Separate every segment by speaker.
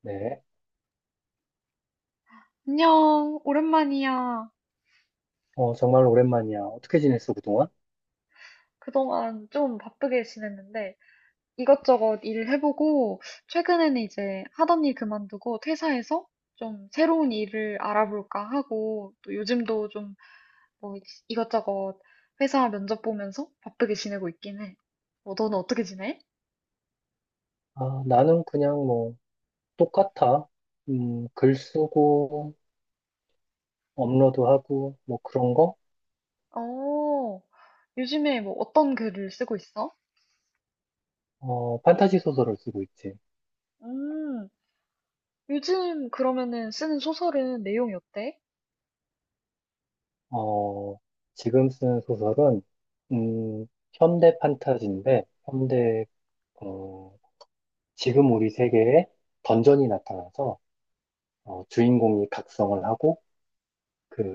Speaker 1: 네.
Speaker 2: 안녕, 오랜만이야.
Speaker 1: 정말 오랜만이야. 어떻게 지냈어, 그동안?
Speaker 2: 그동안 좀 바쁘게 지냈는데 이것저것 일 해보고 최근에는 이제 하던 일 그만두고 퇴사해서 좀 새로운 일을 알아볼까 하고 또 요즘도 좀 뭐 이것저것 회사 면접 보면서 바쁘게 지내고 있긴 해. 뭐 너는 어떻게 지내?
Speaker 1: 아, 나는 그냥 뭐, 똑같아. 글 쓰고, 업로드하고, 뭐 그런 거?
Speaker 2: 어, 요즘에 뭐 어떤 글을 쓰고 있어?
Speaker 1: 판타지 소설을 쓰고 있지.
Speaker 2: 음, 요즘 그러면은 쓰는 소설은 내용이 어때?
Speaker 1: 어, 지금 쓰는 소설은, 음, 현대 판타지인데, 현대, 어, 지금 우리 세계에 던전이 나타나서, 어, 주인공이 각성을 하고,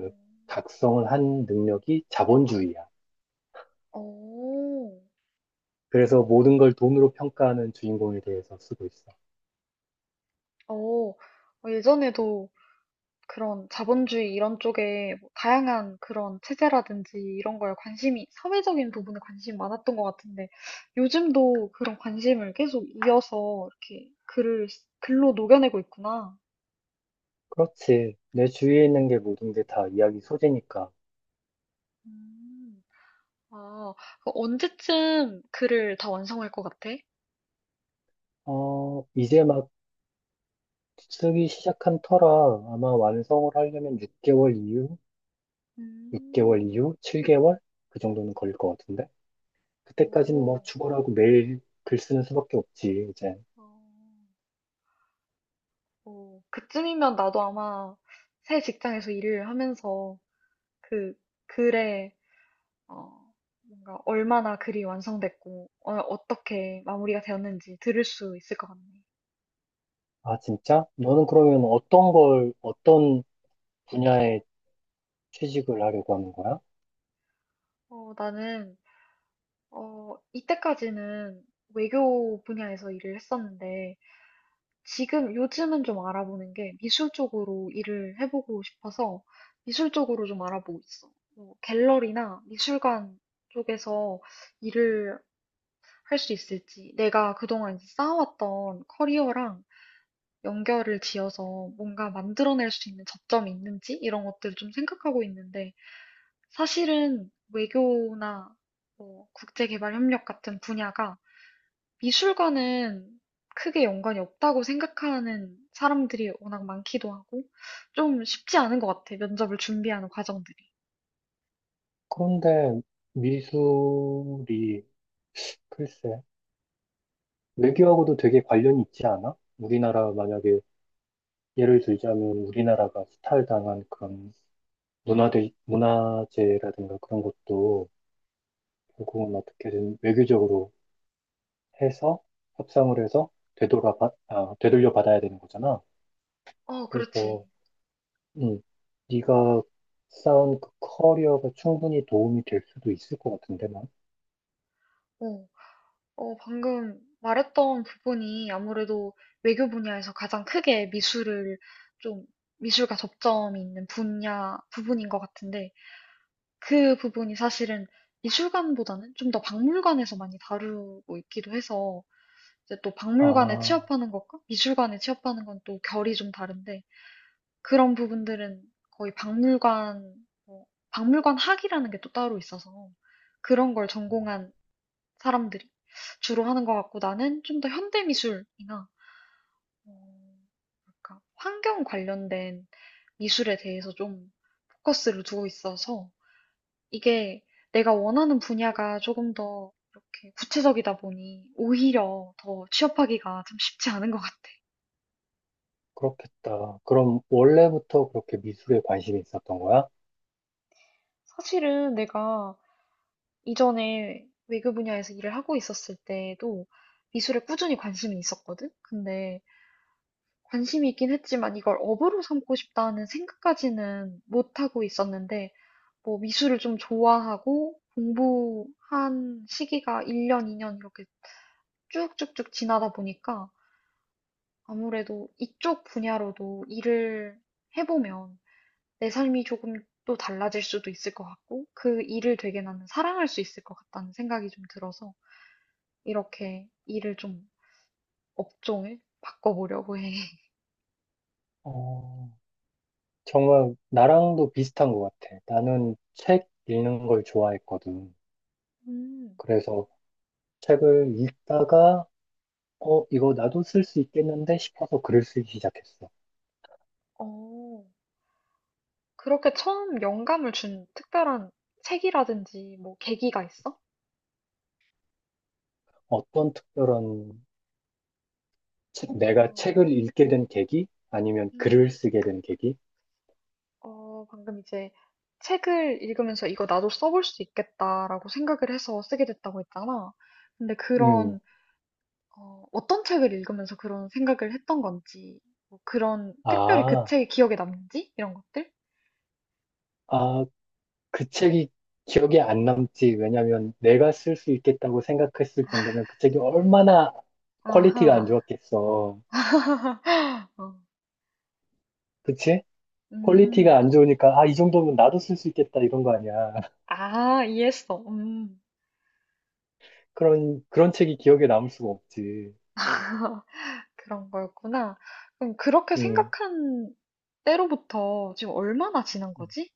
Speaker 2: 어,
Speaker 1: 각성을 한 능력이 자본주의야.
Speaker 2: 어.
Speaker 1: 그래서 모든 걸 돈으로 평가하는 주인공에 대해서 쓰고 있어.
Speaker 2: 어, 어, 예전에도 그런 자본주의 이런 쪽에 뭐 다양한 그런 체제라든지 이런 거에 관심이, 사회적인 부분에 관심이 많았던 것 같은데, 요즘도 그런 관심을 계속 이어서 이렇게 글로 녹여내고 있구나.
Speaker 1: 그렇지. 내 주위에 있는 게 모든 게 다 이야기 소재니까.
Speaker 2: 음, 아, 그 언제쯤 글을 다 완성할 것 같아?
Speaker 1: 이제 막 쓰기 시작한 터라 아마 완성을 하려면 6개월 이후, 6개월
Speaker 2: 음,
Speaker 1: 이후, 7개월? 그 정도는 걸릴 것 같은데? 그때까지는 뭐
Speaker 2: 오,
Speaker 1: 죽어라고 매일 글 쓰는 수밖에 없지, 이제.
Speaker 2: 어, 오, 그쯤이면 나도 아마 새 직장에서 일을 하면서 그 글에 어, 뭔가 얼마나 글이 완성됐고, 어, 떻게 마무리가 되었는지 들을 수 있을 것 같네.
Speaker 1: 아, 진짜? 너는 그러면 어떤 걸, 어떤 분야에 취직을 하려고 하는 거야?
Speaker 2: 어, 나는, 이때까지는 외교 분야에서 일을 했었는데, 지금 요즘은 좀 알아보는 게 미술 쪽으로 일을 해보고 싶어서 미술 쪽으로 좀 알아보고 있어. 뭐 갤러리나 미술관 쪽에서 일을 할 수 있을지, 내가 그동안 이제 쌓아왔던 커리어랑 연결을 지어서 뭔가 만들어낼 수 있는 접점이 있는지 이런 것들을 좀 생각하고 있는데 사실은 외교나 뭐 국제개발협력 같은 분야가 미술과는 크게 연관이 없다고 생각하는 사람들이 워낙 많기도 하고 좀 쉽지 않은 것 같아. 면접을 준비하는 과정들이.
Speaker 1: 그런데 미술이, 글쎄. 외교하고도 되게 관련이 있지 않아? 우리나라 만약에 예를 들자면 우리나라가 수탈당한 그런 문화재라든가 그런 것도 결국은 어떻게든 외교적으로 해서 협상을 해서 아, 되돌려 받아야 되는 거잖아.
Speaker 2: 어, 그렇지.
Speaker 1: 그래서 음, 네가 쌓은 그 커리어가 충분히 도움이 될 수도 있을 것 같은데 난.
Speaker 2: 어. 어, 방금 말했던 부분이 아무래도 외교 분야에서 가장 크게 미술을 좀, 미술과 접점이 있는 분야 부분인 것 같은데 그 부분이 사실은 미술관보다는 좀 더 박물관에서 많이 다루고 있기도 해서 이제 또 박물관에
Speaker 1: 아,
Speaker 2: 취업하는 것과 미술관에 취업하는 건 또 결이 좀 다른데 그런 부분들은 거의 박물관 뭐 박물관 학이라는 게 또 따로 있어서 그런 걸 전공한 사람들이 주로 하는 것 같고 나는 좀 더 현대미술이나 뭐랄까, 환경 관련된 미술에 대해서 좀 포커스를 두고 있어서 이게 내가 원하는 분야가 조금 더 이렇게 구체적이다 보니 오히려 더 취업하기가 좀 쉽지 않은 것 같아.
Speaker 1: 그렇겠다. 그럼 원래부터 그렇게 미술에 관심이 있었던 거야?
Speaker 2: 사실은 내가 이전에 외교 분야에서 일을 하고 있었을 때도 미술에 꾸준히 관심이 있었거든? 근데 관심이 있긴 했지만 이걸 업으로 삼고 싶다는 생각까지는 못하고 있었는데, 뭐 미술을 좀 좋아하고 공부한 시기가 1년, 2년 이렇게 쭉쭉쭉 지나다 보니까 아무래도 이쪽 분야로도 일을 해보면 내 삶이 조금 또 달라질 수도 있을 것 같고 그 일을 되게 나는 사랑할 수 있을 것 같다는 생각이 좀 들어서 이렇게 일을 좀 업종을 바꿔보려고 해.
Speaker 1: 어, 정말 나랑도 비슷한 것 같아. 나는 책 읽는 걸 좋아했거든.
Speaker 2: 음,
Speaker 1: 그래서 책을 읽다가, 어, 이거 나도 쓸 수 있겠는데 싶어서 글을 쓰기 시작했어.
Speaker 2: 어. 그렇게 처음 영감을 준 특별한 책이라든지 뭐 계기가 있어?
Speaker 1: 어떤 특별한, 내가
Speaker 2: 어,
Speaker 1: 책을 읽게 된 계기? 아니면 글을
Speaker 2: 음,
Speaker 1: 쓰게 된 계기?
Speaker 2: 어, 방금 이제 책을 읽으면서 이거 나도 써볼 수 있겠다라고 생각을 해서 쓰게 됐다고 했잖아. 근데
Speaker 1: 음,
Speaker 2: 그런, 어떤 책을 읽으면서 그런 생각을 했던 건지, 뭐 그런, 특별히 그
Speaker 1: 아,
Speaker 2: 책이 기억에 남는지? 이런 것들?
Speaker 1: 아, 그 책이 기억에 안 남지. 왜냐면 내가 쓸 수 있겠다고 생각했을 정도면 그 책이 얼마나 퀄리티가 안
Speaker 2: 아하.
Speaker 1: 좋았겠어.
Speaker 2: 어,
Speaker 1: 그치? 퀄리티가
Speaker 2: 음,
Speaker 1: 안 좋으니까, 아, 이 정도면 나도 쓸 수 있겠다, 이런 거 아니야.
Speaker 2: 아, 이해했어. 음.
Speaker 1: 그런 책이 기억에 남을 수가 없지.
Speaker 2: 그런 거였구나. 그럼 그렇게
Speaker 1: 음.
Speaker 2: 생각한 때로부터 지금 얼마나 지난 거지?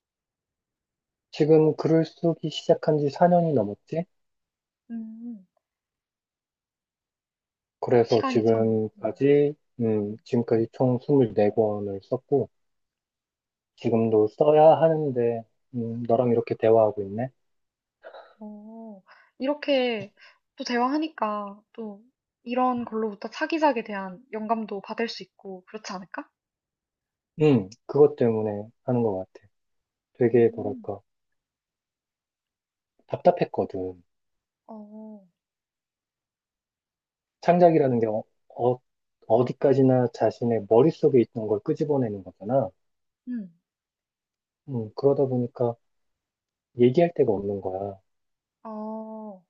Speaker 1: 지금 글을 쓰기 시작한 지 4년이 넘었지?
Speaker 2: 음,
Speaker 1: 그래서
Speaker 2: 시간이 참. 음,
Speaker 1: 지금까지,
Speaker 2: 음.
Speaker 1: 지금까지 총 24권을 썼고, 지금도 써야 하는데, 너랑 이렇게 대화하고 있네?
Speaker 2: 오, 이렇게 또 대화하니까 또 이런 걸로부터 차기작에 대한 영감도 받을 수 있고 그렇지 않을까?
Speaker 1: 그것 때문에 하는 것 같아. 되게,
Speaker 2: 음,
Speaker 1: 뭐랄까, 답답했거든.
Speaker 2: 어,
Speaker 1: 창작이라는 게 어, 어디까지나 자신의 머릿속에 있던 걸 끄집어내는 거잖아.
Speaker 2: 음,
Speaker 1: 그러다 보니까 얘기할 데가 없는 거야.
Speaker 2: 어,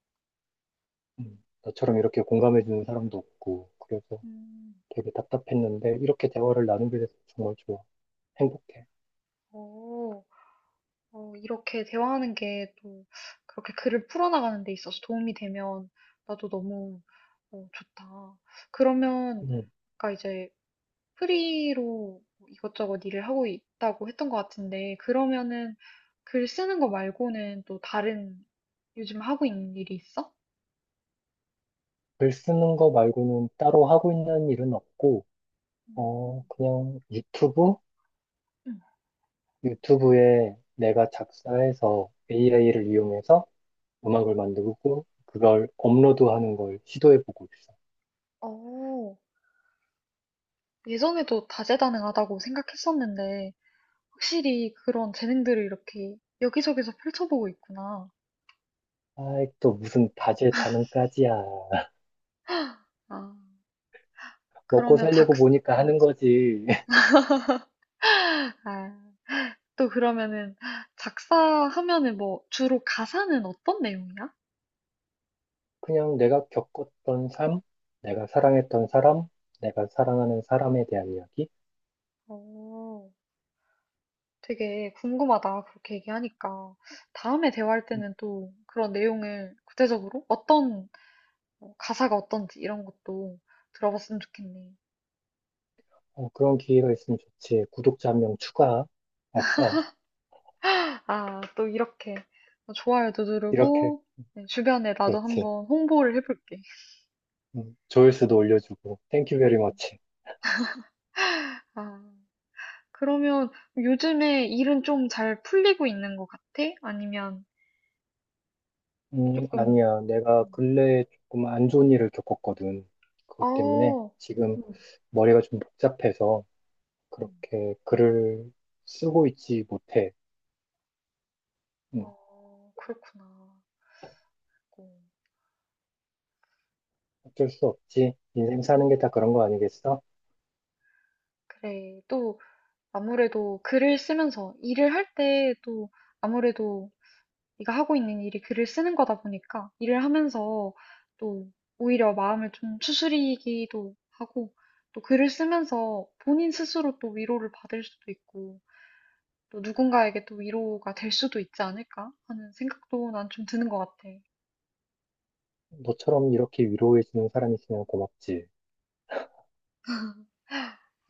Speaker 1: 나처럼 이렇게 공감해주는 사람도 없고, 그래서
Speaker 2: 음,
Speaker 1: 되게 답답했는데, 이렇게 대화를 나누게 돼서 정말 좋아. 행복해.
Speaker 2: 오. 어, 이렇게 대화하는 게 또 그렇게 글을 풀어나가는 데 있어서 도움이 되면 나도 너무 좋다. 그러면
Speaker 1: 음,
Speaker 2: 아까 이제 프리로 이것저것 일을 하고 있다고 했던 것 같은데 그러면은 글 쓰는 거 말고는 또 다른 요즘 하고 있는 일이 있어?
Speaker 1: 글 쓰는 거 말고는 따로 하고 있는 일은 없고, 어,
Speaker 2: 음.
Speaker 1: 그냥 유튜브?
Speaker 2: 응.
Speaker 1: 유튜브에 내가 작사해서 AI를 이용해서 음악을 만들고, 그걸 업로드하는 걸 시도해보고 있어.
Speaker 2: 어, 예전에도 다재다능하다고 생각했었는데 확실히 그런 재능들을 이렇게 여기저기서 펼쳐보고 있구나.
Speaker 1: 아이, 또 무슨 다재다능까지야.
Speaker 2: 아.
Speaker 1: 먹고
Speaker 2: 그러면 작,
Speaker 1: 살려고 보니까 하는 거지.
Speaker 2: 아, 또 그러면은 작사하면은 뭐 주로 가사는 어떤 내용이야?
Speaker 1: 그냥 내가 겪었던 삶, 내가 사랑했던 사람, 내가 사랑하는 사람에 대한 이야기.
Speaker 2: 어, 되게 궁금하다. 그렇게 얘기하니까. 다음에 대화할
Speaker 1: 음,
Speaker 2: 때는 또 그런 내용을 구체적으로 어떤 가사가 어떤지 이런 것도 들어봤으면 좋겠네.
Speaker 1: 어, 그런 기회가 있으면 좋지. 구독자 한 명 추가. 아싸.
Speaker 2: 아, 또 이렇게 좋아요도
Speaker 1: 이렇게.
Speaker 2: 누르고 네, 주변에 나도
Speaker 1: 그렇지.
Speaker 2: 한번 홍보를 해볼게.
Speaker 1: 조회수도 올려주고. 땡큐 베리
Speaker 2: 음.
Speaker 1: 머치.
Speaker 2: 아, 그러면 요즘에 일은 좀 잘 풀리고 있는 것 같아? 아니면 조금,
Speaker 1: 아니야. 내가
Speaker 2: 음.
Speaker 1: 근래에 조금 안 좋은 일을 겪었거든. 그것 때문에
Speaker 2: 어.
Speaker 1: 지금
Speaker 2: 음.
Speaker 1: 머리가 좀 복잡해서
Speaker 2: 음.
Speaker 1: 그렇게 글을 쓰고 있지 못해. 음,
Speaker 2: 어, 그렇구나. 어,
Speaker 1: 어쩔 수 없지. 인생 사는 게 다 그런 거 아니겠어?
Speaker 2: 그래. 또 아무래도 글을 쓰면서 일을 할 때 또 아무래도 네가 하고 있는 일이 글을 쓰는 거다 보니까 일을 하면서 또 오히려 마음을 좀 추스리기도 하고 또 글을 쓰면서 본인 스스로 또 위로를 받을 수도 있고 또 누군가에게 또 위로가 될 수도 있지 않을까 하는 생각도 난 좀 드는 것 같아.
Speaker 1: 너처럼 이렇게 위로해주는 사람이 있으면 고맙지.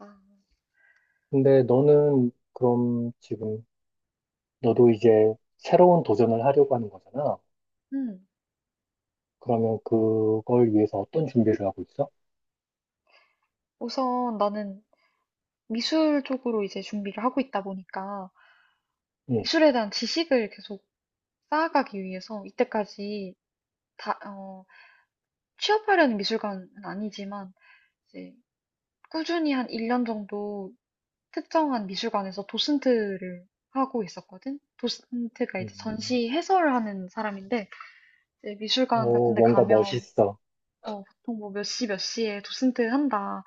Speaker 2: 아,
Speaker 1: 근데 너는 그럼 지금 너도 이제 새로운 도전을 하려고 하는 거잖아.
Speaker 2: 음.
Speaker 1: 그러면 그걸 위해서 어떤 준비를 하고 있어?
Speaker 2: 우선 나는 미술 쪽으로 이제 준비를 하고 있다 보니까
Speaker 1: 응.
Speaker 2: 미술에 대한 지식을 계속 쌓아가기 위해서 이때까지 다, 어, 취업하려는 미술관은 아니지만 이제 꾸준히 한 1년 정도 특정한 미술관에서 도슨트를 하고 있었거든. 도슨트가 이제
Speaker 1: 음,
Speaker 2: 전시 해설을 하는 사람인데 이제 미술관
Speaker 1: 어,
Speaker 2: 같은 데
Speaker 1: 뭔가
Speaker 2: 가면
Speaker 1: 멋있어.
Speaker 2: 어, 보통 뭐 몇 시 몇 시에 도슨트 한다.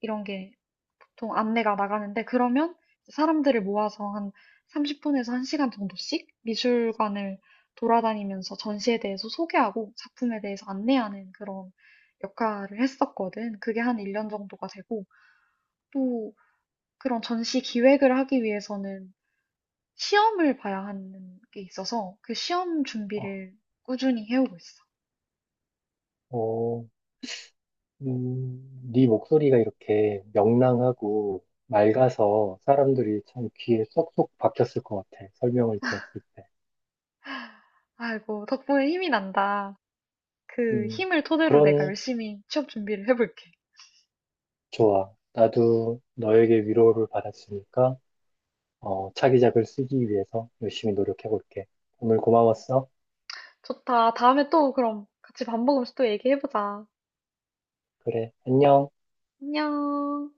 Speaker 2: 이런 게 보통 안내가 나가는데 그러면 사람들을 모아서 한 30분에서 1시간 정도씩 미술관을 돌아다니면서 전시에 대해서 소개하고 작품에 대해서 안내하는 그런 역할을 했었거든. 그게 한 1년 정도가 되고 또 그런 전시 기획을 하기 위해서는 시험을 봐야 하는 게 있어서 그 시험 준비를 꾸준히 해오고 있어.
Speaker 1: 어, 네 목소리가 이렇게 명랑하고 맑아서 사람들이 참 귀에 쏙쏙 박혔을 것 같아. 설명을 들었을 때.
Speaker 2: 아이고, 덕분에 힘이 난다. 그
Speaker 1: 음,
Speaker 2: 힘을 토대로 내가
Speaker 1: 그런,
Speaker 2: 열심히 취업 준비를 해볼게.
Speaker 1: 좋아. 나도 너에게 위로를 받았으니까 어, 차기작을 쓰기 위해서 열심히 노력해볼게. 오늘 고마웠어.
Speaker 2: 좋다. 다음에 또 그럼 같이 밥 먹으면서 또 얘기해보자.
Speaker 1: 그래, 안녕.
Speaker 2: 안녕.